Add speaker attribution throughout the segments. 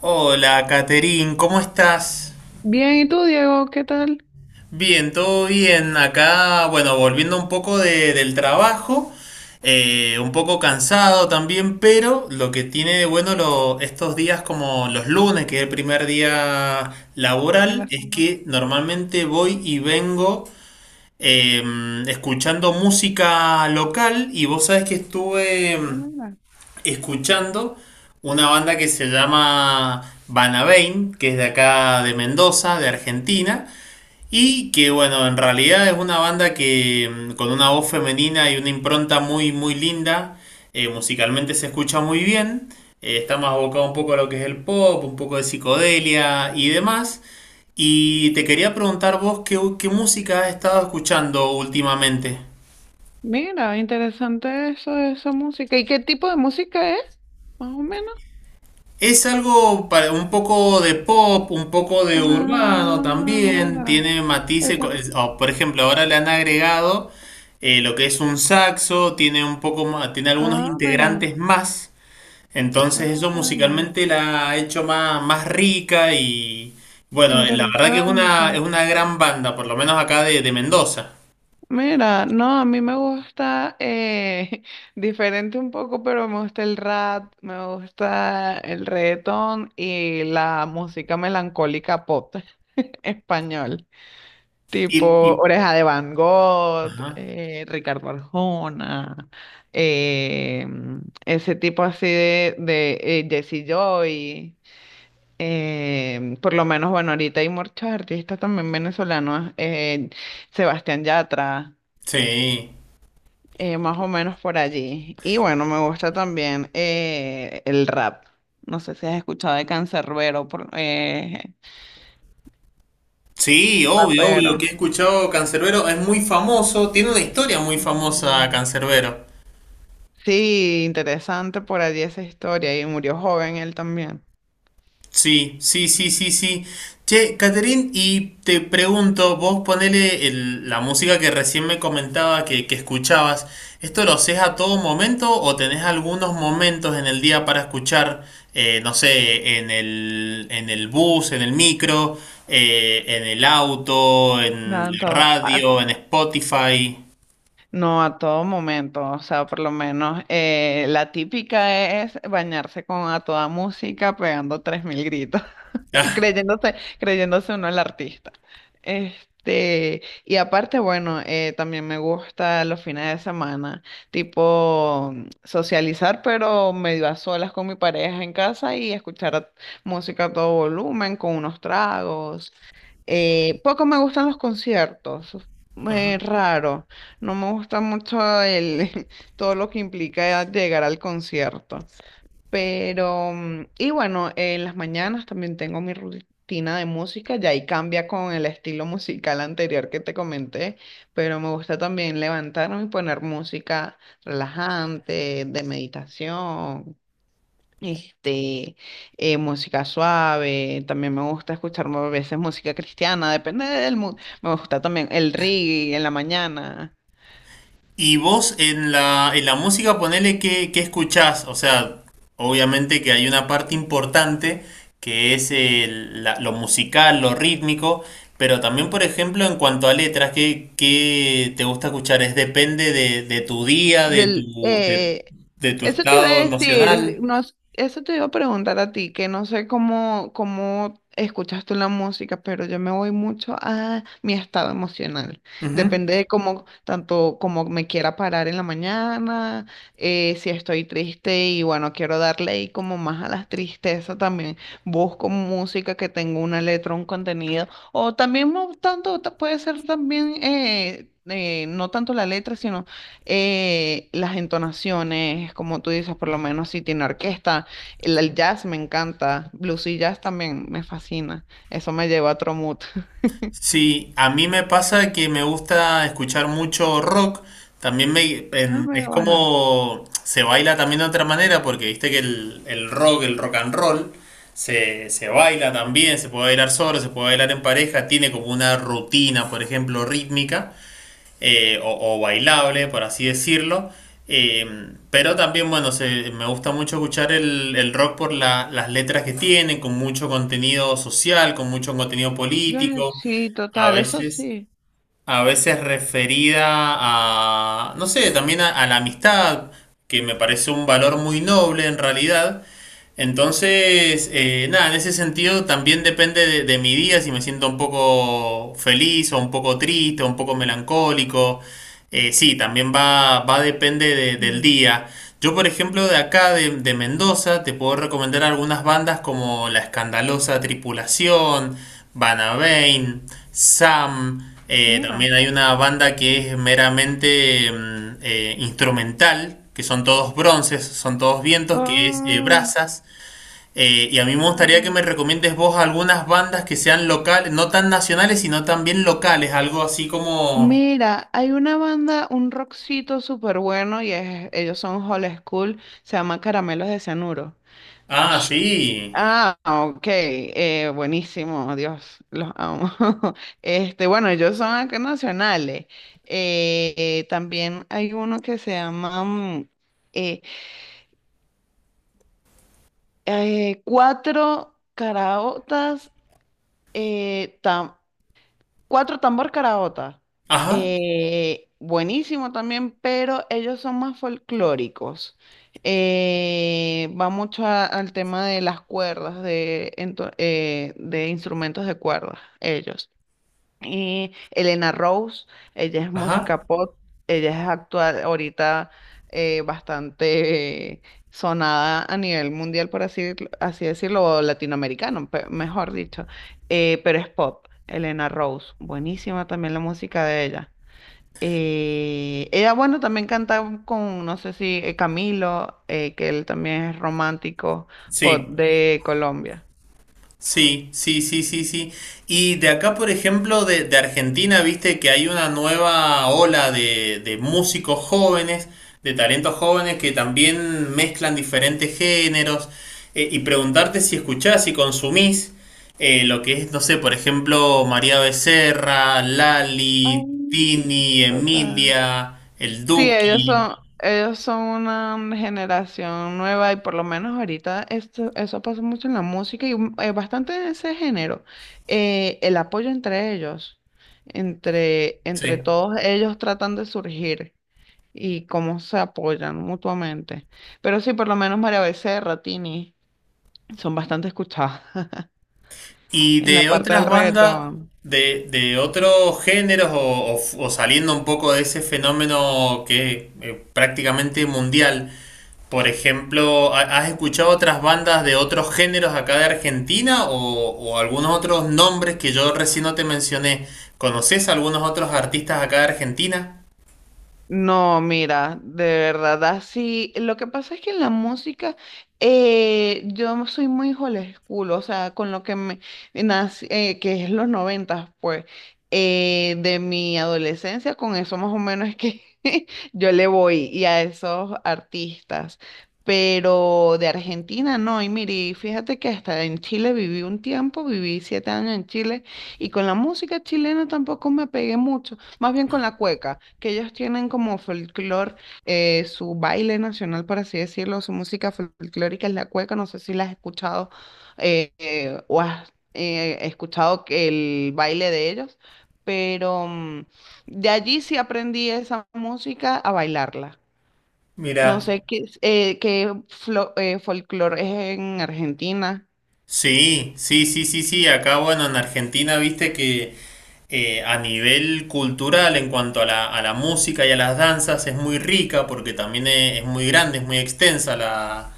Speaker 1: Hola, Caterín, ¿cómo estás?
Speaker 2: Bien, ¿y tú, Diego? ¿Qué tal?
Speaker 1: Bien, todo bien. Acá, bueno, volviendo un poco del trabajo, un poco cansado también, pero lo que tiene de bueno estos días como los lunes, que es el primer día
Speaker 2: De
Speaker 1: laboral,
Speaker 2: la
Speaker 1: es
Speaker 2: fama.
Speaker 1: que normalmente voy y vengo eh, escuchando música local y vos sabés que estuve
Speaker 2: Ah, Mira,
Speaker 1: escuchando una banda que se llama Banabain, que es de acá de Mendoza, de Argentina, y que bueno, en realidad es una banda con una voz femenina y una impronta muy muy linda, musicalmente se escucha muy bien, está más abocado un poco a lo que es el pop, un poco de psicodelia y demás. Y te quería preguntar vos qué música has estado escuchando últimamente.
Speaker 2: mira, interesante eso, de esa música. ¿Y qué tipo de música es? Más o menos.
Speaker 1: Es algo para un poco de pop, un poco de urbano
Speaker 2: Ah,
Speaker 1: también,
Speaker 2: mira.
Speaker 1: tiene matices,
Speaker 2: Esa-
Speaker 1: o, por ejemplo, ahora le han agregado lo que es un saxo, tiene un poco más, tiene algunos
Speaker 2: Ah, mira.
Speaker 1: integrantes más, entonces
Speaker 2: Ah,
Speaker 1: eso
Speaker 2: mira.
Speaker 1: musicalmente la ha hecho más rica y bueno, la verdad que es
Speaker 2: Interesante.
Speaker 1: es una gran banda, por lo menos acá de Mendoza.
Speaker 2: Mira, no, a mí me gusta diferente un poco, pero me gusta el rap, me gusta el reggaetón y la música melancólica pop español. Tipo
Speaker 1: Y, y-
Speaker 2: Oreja de Van Gogh,
Speaker 1: ajá,
Speaker 2: Ricardo Arjona, eh, ese tipo así de Jesse Joy. Por lo menos, bueno, ahorita hay muchos artistas también venezolanos, Sebastián Yatra,
Speaker 1: sí.
Speaker 2: más o menos por allí. Y bueno, me gusta también el rap. No sé si has escuchado de Canserbero,
Speaker 1: Sí, obvio, obvio
Speaker 2: rapero.
Speaker 1: que he escuchado Cancerbero, es muy famoso, tiene una historia muy famosa
Speaker 2: Mm.
Speaker 1: Cancerbero.
Speaker 2: Sí, interesante por allí esa historia. Y murió joven él también.
Speaker 1: Sí, sí, sí, sí, sí. Che, Caterín, y te pregunto, vos ponele la música que recién me comentaba que escuchabas, ¿esto lo haces a todo momento o tenés algunos momentos en el día para escuchar, no sé, en el bus, en el micro, en el auto, en
Speaker 2: Nada,
Speaker 1: la
Speaker 2: en todo- a-
Speaker 1: radio, en Spotify?
Speaker 2: No, a todo momento. O sea, por lo menos la típica es bañarse con a toda música pegando 3000 gritos.
Speaker 1: Ah,
Speaker 2: Creyéndose uno el artista. Este, y aparte, bueno, también me gusta los fines de semana, tipo socializar, pero medio a solas con mi pareja en casa y música a todo volumen, con unos tragos. Poco me gustan los conciertos,
Speaker 1: ajá.
Speaker 2: raro. No me gusta mucho todo lo que implica llegar al concierto. Y bueno, en las mañanas también tengo mi rutina de música, ya ahí cambia con el estilo musical anterior que te comenté, pero me gusta también levantarme y poner música relajante, de meditación, este, música suave. También me gusta escuchar a veces música cristiana, depende del mood. Me gusta también el reggae en la mañana.
Speaker 1: Y vos en en la música, ponele que escuchás. O sea, obviamente que hay una parte importante que es lo musical, lo rítmico, pero también, por ejemplo, en cuanto a letras, qué te gusta escuchar? Es depende de tu día, de
Speaker 2: Del, eh,
Speaker 1: de tu
Speaker 2: Eso te iba a
Speaker 1: estado emocional.
Speaker 2: decir, no, s- eso te iba a preguntar a ti, que no sé cómo escuchas tú la música, pero yo me voy mucho a mi estado emocional.
Speaker 1: Ujú.
Speaker 2: Depende de cómo, tanto como me quiera parar en la mañana, si estoy triste y bueno, quiero darle ahí como más a las tristezas también. Busco música que tenga una letra, un contenido, o también no tanto, puede ser también, no tanto la letra, sino las entonaciones, como tú dices. Por lo menos si tiene orquesta, el jazz me encanta, blues y jazz también me fascina, eso me lleva a otro mood.
Speaker 1: Sí, a mí me pasa que me gusta escuchar mucho rock. También
Speaker 2: Ah,
Speaker 1: es
Speaker 2: pero bueno,
Speaker 1: como se baila también de otra manera, porque viste que el rock and roll, se baila también, se puede bailar solo, se puede bailar en pareja, tiene como una rutina, por ejemplo, rítmica bailable, por así decirlo. Eh, pero también, bueno, me gusta mucho escuchar el rock por las letras que tienen, con mucho contenido social, con mucho contenido político,
Speaker 2: sí,
Speaker 1: a
Speaker 2: total, eso
Speaker 1: veces,
Speaker 2: sí.
Speaker 1: a veces referida a, no sé, también a la amistad, que me parece un valor muy noble en realidad, entonces, nada, en ese sentido también depende de mi día, si me siento un poco feliz o un poco triste o un poco melancólico. Sí, también va depende del
Speaker 2: Mira,
Speaker 1: día. Yo, por ejemplo, de acá, de Mendoza, te puedo recomendar algunas bandas como La Escandalosa Tripulación, Banabain, Sam.
Speaker 2: mira.
Speaker 1: También hay una banda que es meramente instrumental, que son todos bronces, son todos vientos, que es
Speaker 2: Ah,
Speaker 1: Brazas. Y a mí me gustaría que
Speaker 2: bueno.
Speaker 1: me recomiendes vos algunas bandas que sean locales, no tan nacionales, sino también locales, algo así como...
Speaker 2: Mira, hay una banda, un rockcito súper bueno y ellos son Hall School, se llama Caramelos de Cianuro.
Speaker 1: Ah, sí.
Speaker 2: Ah, ok, buenísimo, Dios, los amo. Este, bueno, ellos son acá nacionales. También hay uno que se llama eh, Cuatro Caraotas, Cuatro Tambor Caraota.
Speaker 1: Ajá,
Speaker 2: Buenísimo también, pero ellos son más folclóricos. Va mucho al tema de las cuerdas, de, de instrumentos de cuerdas, ellos. Y Elena Rose, ella es
Speaker 1: ajá,
Speaker 2: música pop, ella es actual, ahorita bastante sonada a nivel mundial, por así, así decirlo, o latinoamericano, mejor dicho, pero es pop. Elena Rose, buenísima también la música de ella. Ella, bueno, también canta con, no sé si Camilo, que él también es romántico pop
Speaker 1: sí.
Speaker 2: de Colombia.
Speaker 1: Sí, sí, sí, sí, sí. Y de acá, por ejemplo, de Argentina, viste que hay una nueva ola de músicos jóvenes, de talentos jóvenes que también mezclan diferentes géneros. Y preguntarte si escuchás y consumís lo que es, no sé, por ejemplo, María Becerra, Lali,
Speaker 2: Ay,
Speaker 1: Tini,
Speaker 2: total.
Speaker 1: Emilia, El
Speaker 2: Sí,
Speaker 1: Duki.
Speaker 2: ellos son una generación nueva y por lo menos ahorita esto, eso pasa mucho en la música bastante en ese género. El apoyo entre ellos, entre
Speaker 1: Sí.
Speaker 2: todos ellos tratan de surgir y cómo se apoyan mutuamente. Pero sí, por lo menos María Becerra, Tini, son bastante escuchadas
Speaker 1: Y
Speaker 2: en la
Speaker 1: de
Speaker 2: parte del
Speaker 1: otras bandas,
Speaker 2: reggaetón.
Speaker 1: de otros géneros o, o saliendo un poco de ese fenómeno que es prácticamente mundial, por ejemplo, ¿has escuchado otras bandas de otros géneros acá de Argentina o algunos otros nombres que yo recién no te mencioné? ¿Conoces algunos otros artistas acá de Argentina?
Speaker 2: No, mira, de verdad, así. Lo que pasa es que en la música yo soy muy old school, o sea, con lo que me nací, que es los noventas, pues, de mi adolescencia, con eso más o menos es que yo le voy y a esos artistas. Pero de Argentina no, y mire, fíjate que hasta en Chile viví un tiempo, viví 7 años en Chile, y con la música chilena tampoco me pegué mucho. Más bien con la cueca, que ellos tienen como folclore, su baile nacional, por así decirlo, su música folclórica es la cueca. No sé si la has escuchado o has escuchado que el baile de ellos, pero mm, de allí sí aprendí esa música a bailarla. No
Speaker 1: Mira,
Speaker 2: sé qué, folclore es en Argentina.
Speaker 1: sí, sí, sí, sí, sí, acá bueno, en Argentina, viste que... a nivel cultural en cuanto a a la música y a las danzas es muy rica porque también es muy grande, es muy extensa la,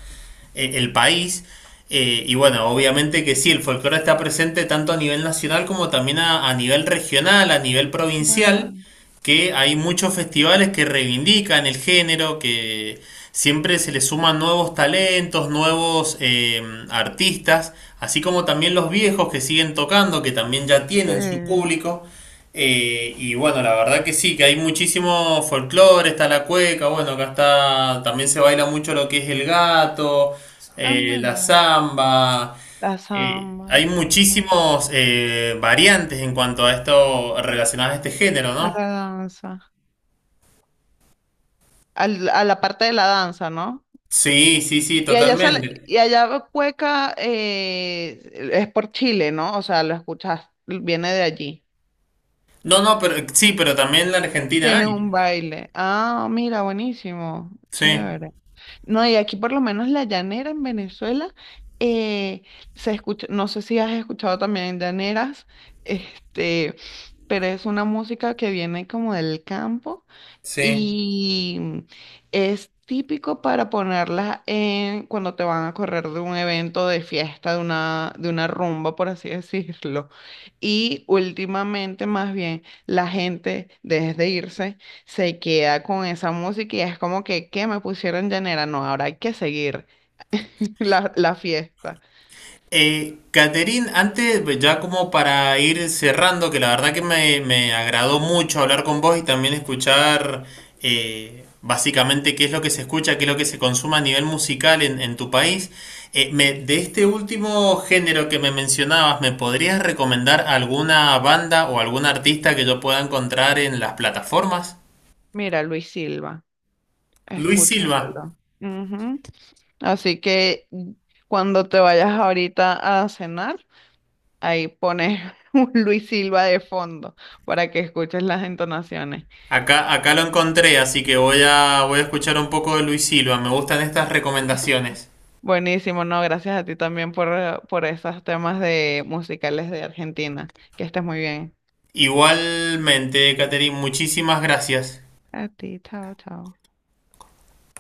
Speaker 1: eh, el país. Y bueno, obviamente que sí, el folclore está presente tanto a nivel nacional como también a nivel regional, a nivel provincial,
Speaker 2: Bueno,
Speaker 1: que hay muchos festivales que reivindican el género, que siempre se le suman nuevos talentos, nuevos artistas, así como también los viejos que siguen tocando, que también ya tienen su
Speaker 2: eh,
Speaker 1: público. Y bueno, la verdad que sí, que hay muchísimo folclore, está la cueca, bueno, acá está, también se baila mucho lo que es el gato,
Speaker 2: ah,
Speaker 1: la
Speaker 2: mira,
Speaker 1: samba.
Speaker 2: la samba,
Speaker 1: Hay
Speaker 2: ¿no?
Speaker 1: muchísimos variantes en cuanto a esto relacionadas a este género,
Speaker 2: A
Speaker 1: ¿no?
Speaker 2: la danza. A la parte de la danza, ¿no?
Speaker 1: Sí, sí, sí,
Speaker 2: Y allá sale,
Speaker 1: totalmente.
Speaker 2: y allá cueca es por Chile, ¿no? O sea, lo escuchas, viene de allí.
Speaker 1: No, no, pero sí, pero también en la Argentina
Speaker 2: Tienen
Speaker 1: hay.
Speaker 2: un baile. Ah, mira, buenísimo.
Speaker 1: Sí,
Speaker 2: Chévere. No, y aquí por lo menos la llanera en Venezuela eh, se escucha, no sé si has escuchado también llaneras, este, pero es una música que viene como del campo.
Speaker 1: sí.
Speaker 2: Y es típico para ponerlas en cuando te van a correr de un evento de fiesta, de una rumba, por así decirlo. Y últimamente, más bien, la gente, desde irse, se queda con esa música y es como que, ¿qué me pusieron llanera? No, ahora hay que seguir la fiesta.
Speaker 1: Caterín, antes, pues, ya como para ir cerrando, que la verdad que me agradó mucho hablar con vos y también escuchar básicamente qué es lo que se escucha, qué es lo que se consume a nivel musical en tu país. De este último género que me mencionabas, ¿me podrías recomendar alguna banda o algún artista que yo pueda encontrar en las plataformas?
Speaker 2: Mira, Luis Silva,
Speaker 1: Luis Silva.
Speaker 2: escúchatelo. Ujú. Así que cuando te vayas ahorita a cenar, ahí pones un Luis Silva de fondo para que escuches las entonaciones.
Speaker 1: Acá, acá lo encontré, así que voy a, voy a escuchar un poco de Luis Silva. Me gustan estas recomendaciones.
Speaker 2: Buenísimo, no, gracias a ti también por esos temas de musicales de Argentina. Que estés muy bien.
Speaker 1: Igualmente, Catherine, muchísimas gracias.
Speaker 2: A ti, chao, chao.